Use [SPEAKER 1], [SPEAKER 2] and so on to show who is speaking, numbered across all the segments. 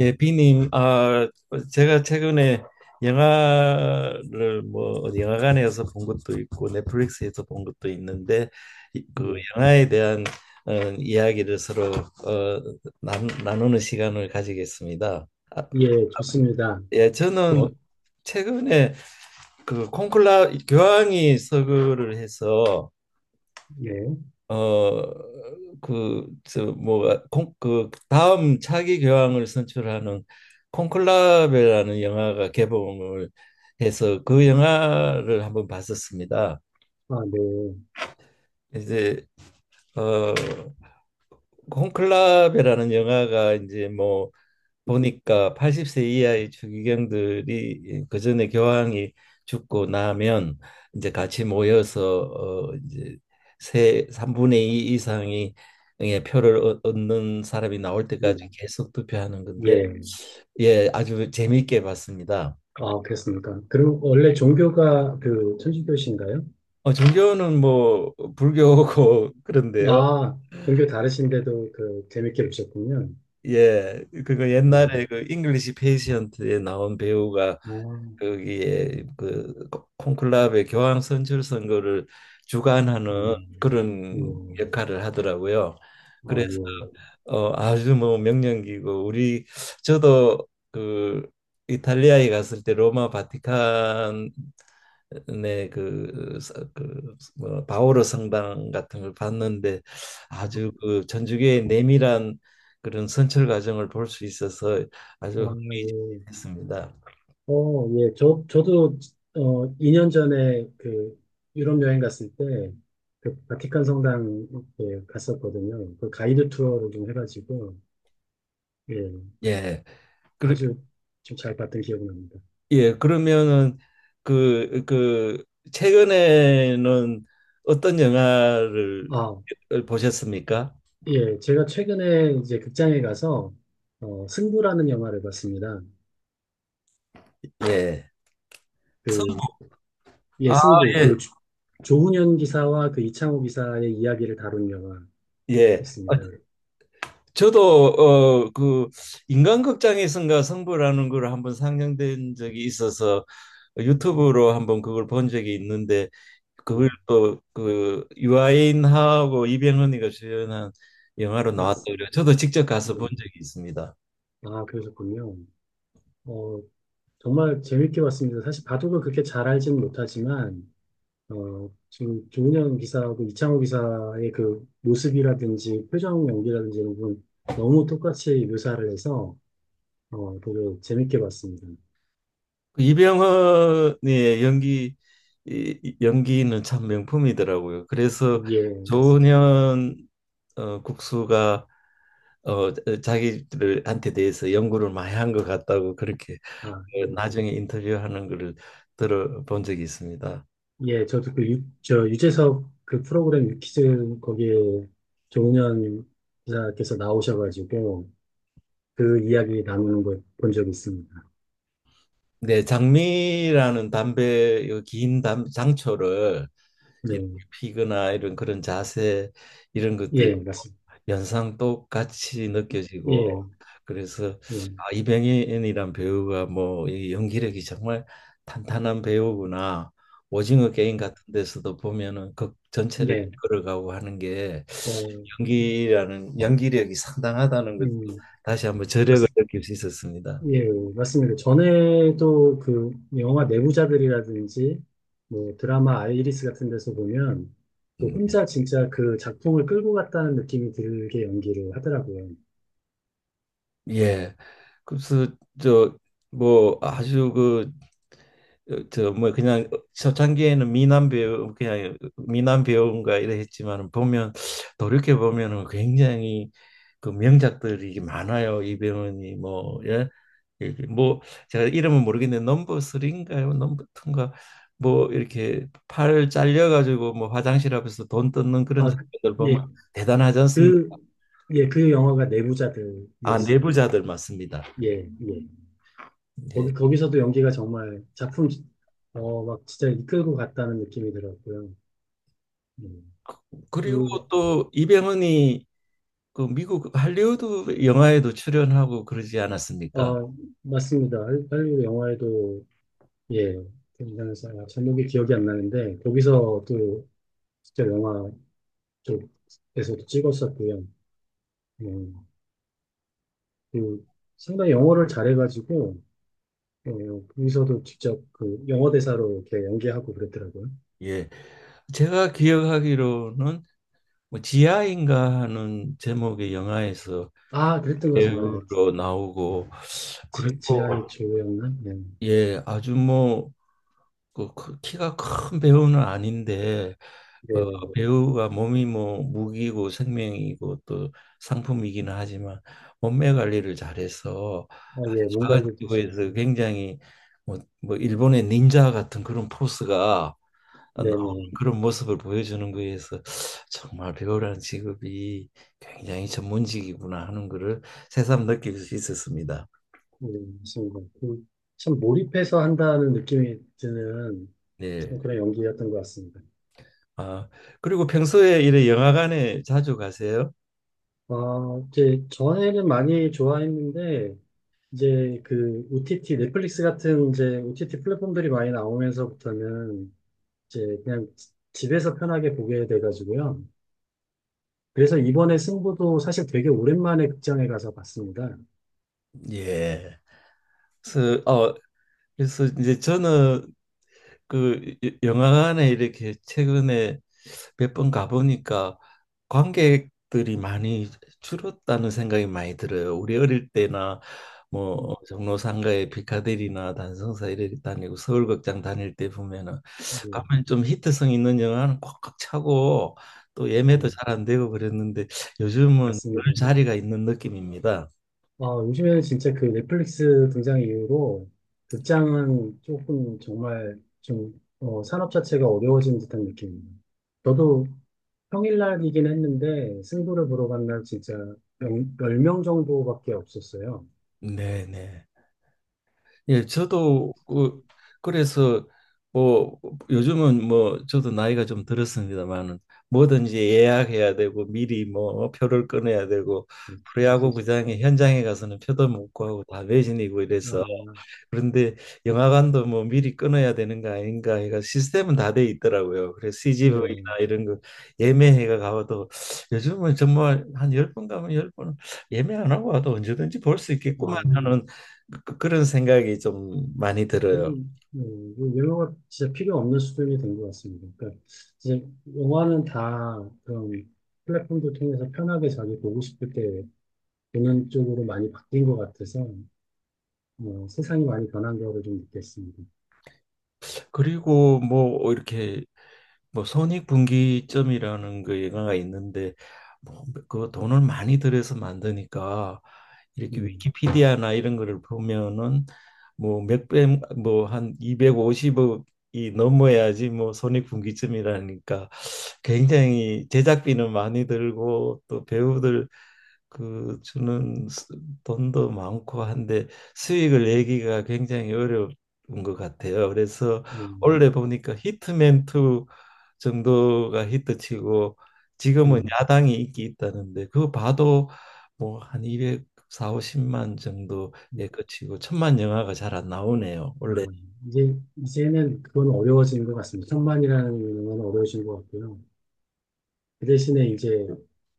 [SPEAKER 1] 예, 비님, 아, 제가 최근에 영화를 뭐 어디 영화관에서 본 것도 있고 넷플릭스에서 본 것도 있는데 그
[SPEAKER 2] 예,
[SPEAKER 1] 영화에 대한 이야기를 서로 어, 나누는 시간을 가지겠습니다. 아,
[SPEAKER 2] 예, 좋습니다.
[SPEAKER 1] 예, 저는
[SPEAKER 2] 어,
[SPEAKER 1] 최근에 그 콘클라 교황이 서거를 해서
[SPEAKER 2] 예,
[SPEAKER 1] 어그저 뭐 그 다음 차기 교황을 선출하는 콘클라베라는 영화가 개봉을 해서 그 영화를 한번 봤었습니다.
[SPEAKER 2] 아, 네,
[SPEAKER 1] 이제 어 콘클라베라는 영화가 이제 뭐 보니까 80세 이하의 추기경들이, 예, 그 전에 교황이 죽고 나면 이제 같이 모여서 이제 세 3분의 2 이상이 의 표를 얻는 사람이 나올
[SPEAKER 2] 예,
[SPEAKER 1] 때까지 계속 투표하는 건데
[SPEAKER 2] 예,
[SPEAKER 1] 예, 아주 재미있게 봤습니다.
[SPEAKER 2] 아, 그렇습니까? 그럼 원래 종교가 그 천주교신가요?
[SPEAKER 1] 종교는 뭐 불교고 그런데요.
[SPEAKER 2] 아, 종교 다르신데도 그 재밌게 보셨군요.
[SPEAKER 1] 예, 그거
[SPEAKER 2] 예,
[SPEAKER 1] 옛날에 그 잉글리시 페이션트에 나온 배우가
[SPEAKER 2] 아,
[SPEAKER 1] 거기에 그 콘클라베 교황 선출 선거를
[SPEAKER 2] 예,
[SPEAKER 1] 주관하는
[SPEAKER 2] 예,
[SPEAKER 1] 그런 역할을 하더라고요.
[SPEAKER 2] 아,
[SPEAKER 1] 그래서
[SPEAKER 2] 예,
[SPEAKER 1] 아주 뭐 명령기고 우리 저도 그 이탈리아에 갔을 때 로마 바티칸의 그, 그 뭐, 바오로 성당 같은 걸 봤는데, 아주 그 천주교의 내밀한 그런 선출 과정을 볼 수 있어서 아주
[SPEAKER 2] 아, 예,
[SPEAKER 1] 흥미했습니다.
[SPEAKER 2] 예, 저도, 2년 전에 그 유럽 여행 갔을 때, 그 바티칸 성당 예, 갔었거든요. 그 가이드 투어를 좀 해가지고, 예.
[SPEAKER 1] 예. 그리,
[SPEAKER 2] 아주 좀 잘 봤던 기억이 납니다.
[SPEAKER 1] 예, 그러면은 그 최근에는 어떤 영화를
[SPEAKER 2] 아,
[SPEAKER 1] 보셨습니까?
[SPEAKER 2] 예. 제가 최근에 이제 극장에 가서, 승부라는 영화를 봤습니다.
[SPEAKER 1] 예. 선-
[SPEAKER 2] 그, 예,
[SPEAKER 1] 아,
[SPEAKER 2] 승부.
[SPEAKER 1] 예.
[SPEAKER 2] 그 조훈현 기사와 그 이창호 기사의 이야기를 다룬
[SPEAKER 1] 예.
[SPEAKER 2] 영화였습니다.
[SPEAKER 1] 저도 그 인간극장에선가 성부라는 걸 한번 상영된 적이 있어서
[SPEAKER 2] 음,
[SPEAKER 1] 유튜브로 한번 그걸 본 적이 있는데 그걸
[SPEAKER 2] 음,
[SPEAKER 1] 또그 유아인하고 이병헌이가 주연한 영화로 나왔더라고요.
[SPEAKER 2] 맞습니다.
[SPEAKER 1] 저도 직접 가서
[SPEAKER 2] 예.
[SPEAKER 1] 본 적이 있습니다.
[SPEAKER 2] 아, 그러셨군요. 어, 정말 재밌게 봤습니다. 사실 바둑을 그렇게 잘 알지는 못하지만, 지금 조은현 기사하고 이창호 기사의 그 모습이라든지 표정 연기라든지 이런 부분 너무 똑같이 묘사를 해서 되게 재밌게 봤습니다.
[SPEAKER 1] 그 이병헌의 연기 연기는 참 명품이더라고요. 그래서
[SPEAKER 2] 예, 맞습니다.
[SPEAKER 1] 조은현, 국수가, 어, 자기들한테 대해서 연구를 많이 한 것 같다고 그렇게,
[SPEAKER 2] 아, 예.
[SPEAKER 1] 나중에 인터뷰하는 것을 들어본 적이 있습니다.
[SPEAKER 2] 예, 저도 그 유, 저 유재석 그 프로그램 유퀴즈 거기에 조은현 기사께서 나오셔가지고 그 이야기 나누는 걸 본 적이 있습니다.
[SPEAKER 1] 네, 장미라는 담배 긴 장초를
[SPEAKER 2] 네,
[SPEAKER 1] 이렇게 피거나 이런 그런 자세, 이런 것도
[SPEAKER 2] 예, 맞습니다.
[SPEAKER 1] 연상 똑같이 느껴지고
[SPEAKER 2] 예,
[SPEAKER 1] 그래서
[SPEAKER 2] 예,
[SPEAKER 1] 아, 이병헌이란 배우가 뭐이 연기력이 정말 탄탄한 배우구나. 오징어 게임 같은 데서도 보면은 극 전체를
[SPEAKER 2] 네,
[SPEAKER 1] 이끌어가고 하는 게
[SPEAKER 2] 어,
[SPEAKER 1] 연기라는 연기력이 상당하다는 것
[SPEAKER 2] 음,
[SPEAKER 1] 다시 한번 저력을
[SPEAKER 2] 맞습니다.
[SPEAKER 1] 느낄 수 있었습니다.
[SPEAKER 2] 예, 맞습니다. 전에도 그 영화 내부자들이라든지 뭐 드라마 아이리스 같은 데서 보면 그
[SPEAKER 1] 음.
[SPEAKER 2] 혼자 진짜 그 작품을 끌고 갔다는 느낌이 들게 연기를 하더라고요.
[SPEAKER 1] 예. 그래서 저 뭐 아주 그, 저뭐 그냥 초창기에는 미남 배우, 그냥 미남 배우인가 이래 했지만 보면 돌이켜 보면은 굉장히 그 명작들이 많아요. 이병헌이 뭐. 예. 이렇게 뭐 제가 이름은 모르겠는데 넘버 3인가요? 넘버 2인가? 뭐 이렇게 팔 잘려 가지고 뭐 화장실 앞에서 돈 뜯는 그런
[SPEAKER 2] 아,
[SPEAKER 1] 장면들 보면
[SPEAKER 2] 예,
[SPEAKER 1] 대단하지 않습니까?
[SPEAKER 2] 그, 예, 그 영화가
[SPEAKER 1] 아,
[SPEAKER 2] 내부자들이었습니다.
[SPEAKER 1] 내부자들 맞습니다.
[SPEAKER 2] 예, 예.
[SPEAKER 1] 예.
[SPEAKER 2] 거기서도 연기가 정말 작품, 막 진짜 이끌고 갔다는 느낌이 들었고요. 예.
[SPEAKER 1] 그리고
[SPEAKER 2] 그,
[SPEAKER 1] 또 이병헌이 그 미국 할리우드 영화에도 출연하고 그러지
[SPEAKER 2] 아,
[SPEAKER 1] 않았습니까?
[SPEAKER 2] 맞습니다. 할리우드 영화에도 예, 등장해서 아, 제목이 기억이 안 나는데 거기서 또 진짜 영화 쪽에서도 찍었었고요. 음, 그 상당히 영어를 잘해가지고 거기서도 직접 그 영어 대사로 이렇게 연기하고 그랬더라고요.
[SPEAKER 1] 예. 제가 기억하기로는 뭐 지하인가 하는 제목의 영화에서
[SPEAKER 2] 아, 그랬던 것 같습니다. 예,
[SPEAKER 1] 배우로 나오고
[SPEAKER 2] 지,
[SPEAKER 1] 그리고,
[SPEAKER 2] 지하의 조였나? 네,
[SPEAKER 1] 예, 아주 뭐 그 키가 큰 배우는 아닌데 어,
[SPEAKER 2] 네,
[SPEAKER 1] 배우가 몸이 뭐 무기고 생명이고 또 상품이기는 하지만 몸매 관리를 잘해서
[SPEAKER 2] 아,
[SPEAKER 1] 아주
[SPEAKER 2] 예, 뭔가
[SPEAKER 1] 작은
[SPEAKER 2] 이게 또
[SPEAKER 1] 피부에서 굉장히, 뭐 일본의 닌자 같은 그런 포스가 나오는
[SPEAKER 2] 네네,
[SPEAKER 1] 그런 모습을 보여주는 거에서 정말 배우라는 직업이 굉장히 전문직이구나 하는 거를 새삼 느낄 수 있었습니다.
[SPEAKER 2] 네, 맞습니다. 그, 참 몰입해서 한다는 느낌이 드는 참
[SPEAKER 1] 네.
[SPEAKER 2] 그런 연기였던 것 같습니다.
[SPEAKER 1] 아, 그리고 평소에 이래 영화관에 자주 가세요?
[SPEAKER 2] 아, 이제 전에는 많이 좋아했는데 이제 그 OTT 넷플릭스 같은 이제 OTT 플랫폼들이 많이 나오면서부터는 이제 그냥 집에서 편하게 보게 돼가지고요. 그래서 이번에 승부도 사실 되게 오랜만에 극장에 가서 봤습니다.
[SPEAKER 1] 예. 그래서 그래서 이제 저는 그 영화관에 이렇게 최근에 몇 번 가보니까 관객들이 많이 줄었다는 생각이 많이 들어요. 우리 어릴 때나
[SPEAKER 2] 음,
[SPEAKER 1] 뭐 종로상가의 피카데리나 단성사 이렇 다니고 서울극장 다닐 때 보면은,
[SPEAKER 2] 네,
[SPEAKER 1] 가면 좀 히트성 있는 영화는 꽉꽉 차고 또
[SPEAKER 2] 네,
[SPEAKER 1] 예매도 잘 안 되고 그랬는데 요즘은 늘
[SPEAKER 2] 맞습니다.
[SPEAKER 1] 자리가 있는 느낌입니다.
[SPEAKER 2] 아, 요즘에는 진짜 그 넷플릭스 등장 이후로 극장은 조금 정말 좀 산업 자체가 어려워진 듯한 느낌입니다. 저도 평일날이긴 했는데 승부를 보러 간 날 진짜 10명 정도밖에 없었어요.
[SPEAKER 1] 네, 네. 예, 저도 그, 그래서 뭐 요즘은 뭐 저도 나이가 좀 들었습니다만은 뭐든지 예약해야 되고 미리 뭐 표를 끊어야 되고 프로야구 구장에 현장에 가서는 표도 못 구하고 다 매진이고 이래서,
[SPEAKER 2] 아,
[SPEAKER 1] 그런데 영화관도 뭐 미리 끊어야 되는 거 아닌가 해가 시스템은 다 돼 있더라고요. 그래서 CGV나
[SPEAKER 2] 예.
[SPEAKER 1] 이런 거 예매해가 가봐도 요즘은 정말 한 열 번 가면 열 번 예매 안 하고 와도 언제든지 볼 수
[SPEAKER 2] 아,
[SPEAKER 1] 있겠구만 하는 그런 생각이 좀 많이 들어요.
[SPEAKER 2] 거의, 예, 뭐 영화가 진짜 필요 없는 수준이 된 것 같습니다. 그러니까 이제 영화는 다 그런 플랫폼도 통해서 편하게 자기 보고 싶을 때 그런 쪽으로 많이 바뀐 것 같아서 뭐, 세상이 많이 변한 거를 좀 느꼈습니다.
[SPEAKER 1] 그리고 뭐 이렇게 뭐 손익분기점이라는 그 영화가 있는데 뭐그 돈을 많이 들여서 만드니까 이렇게
[SPEAKER 2] 네,
[SPEAKER 1] 위키피디아나 이런 거를 보면은 뭐 몇백 뭐한 250억이 넘어야지 뭐 손익분기점이라니까 굉장히 제작비는 많이 들고 또 배우들 그 주는 돈도 많고 한데 수익을 내기가 굉장히 어려운 것 같아요. 그래서
[SPEAKER 2] 네,
[SPEAKER 1] 원래 보니까 히트맨 2 정도가 히트치고 지금은
[SPEAKER 2] 네.
[SPEAKER 1] 야당이 인기 있다는데 그거 봐도 뭐 한 200, 4, 50만 정도에 그치고 천만 영화가 잘 안 나오네요.
[SPEAKER 2] 아,
[SPEAKER 1] 원래
[SPEAKER 2] 이제 이제는 그건 어려워지는 것 같습니다. 천만이라는 건 어려워진 것 같고요. 그 대신에 이제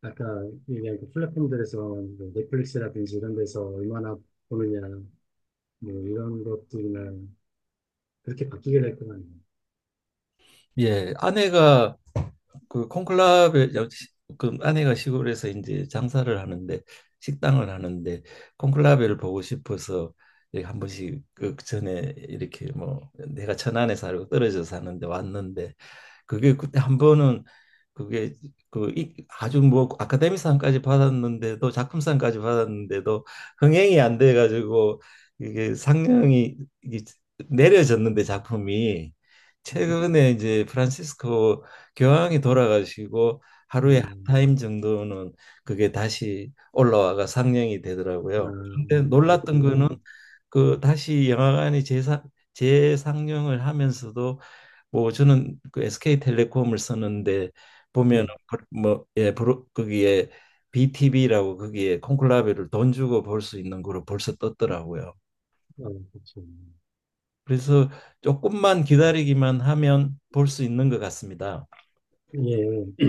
[SPEAKER 2] 아까 얘기한 그 플랫폼들에서 뭐 넷플릭스라든지 이런 데서 얼마나 보느냐 뭐 이런 것들이나 그렇게 바뀌게 될 것 같네요.
[SPEAKER 1] 예, 아내가 그 콩클라베, 그 아내가 시골에서 이제 장사를 하는데 식당을 하는데 콩클라베를 보고 싶어서 이렇게 한 번씩 그 전에 이렇게 뭐 내가 천안에 살고 떨어져 사는데 왔는데 그게 그때 한 번은 그게 그 아주 뭐 아카데미상까지 받았는데도 작품상까지 받았는데도 흥행이 안 돼 가지고 이게 상영이 이게 내려졌는데 작품이,
[SPEAKER 2] 네.
[SPEAKER 1] 최근에 이제 프란시스코 교황이 돌아가시고 하루에 한 타임 정도는 그게 다시 올라와가 상영이 되더라고요.
[SPEAKER 2] 아,
[SPEAKER 1] 근데 놀랐던 거는
[SPEAKER 2] 그렇군요.
[SPEAKER 1] 그 다시 영화관이 재상영을 하면서도 뭐 저는 그 SK텔레콤을 쓰는데 보면,
[SPEAKER 2] 네,
[SPEAKER 1] 뭐 예, 거기에 BTV라고 거기에 콘클라베를 돈 주고 볼 수 있는 거로 벌써 떴더라고요.
[SPEAKER 2] 아, 그렇죠.
[SPEAKER 1] 그래서 조금만 기다리기만 하면 볼 수 있는 것 같습니다.
[SPEAKER 2] 예, 예.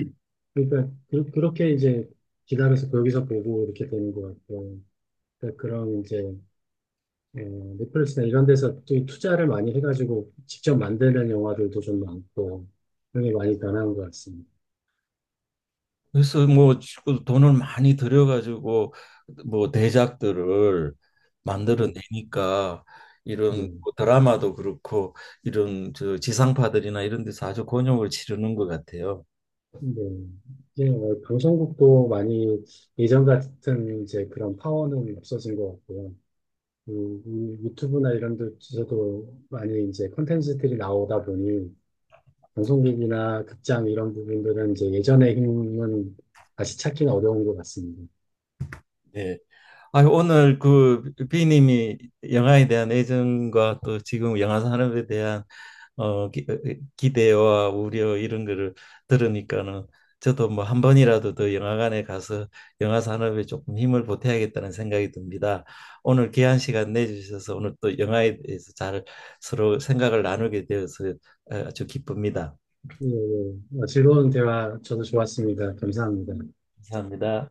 [SPEAKER 2] 그러니까 그, 그렇게 이제 기다려서 거기서 보고 이렇게 되는 것 같고 그러니까 그런 이제 어, 넷플릭스나 이런 데서 또 투자를 많이 해가지고 직접 만드는 영화들도 좀 많고 그런 게 많이 변한 것 같습니다.
[SPEAKER 1] 그래서 뭐 그 돈을 많이 들여가지고 뭐 대작들을
[SPEAKER 2] 네,
[SPEAKER 1] 만들어내니까, 이런
[SPEAKER 2] 네,
[SPEAKER 1] 뭐 드라마도 그렇고 이런 저 지상파들이나 이런 데서 아주 곤욕을 치르는 것 같아요.
[SPEAKER 2] 네. 이제 방송국도 많이 예전 같은 이제 그런 파워는 없어진 것 같고요. 그, 이 유튜브나 이런 데서도 많이 이제 콘텐츠들이 나오다 보니 방송국이나 극장 이런 부분들은 이제 예전의 힘은 다시 찾기는 어려운 것 같습니다.
[SPEAKER 1] 네. 아, 오늘 그 비님이 영화에 대한 애정과 또 지금 영화 산업에 대한 대와 우려 이런 거를 들으니까는 저도 뭐 한 번이라도 더 영화관에 가서 영화 산업에 조금 힘을 보태야겠다는 생각이 듭니다. 오늘 귀한 시간 내주셔서 오늘 또 영화에 대해서 잘 서로 생각을 나누게 되어서 아주 기쁩니다.
[SPEAKER 2] 예, 예. 즐거운 대화 저도 좋았습니다. 감사합니다.
[SPEAKER 1] 감사합니다.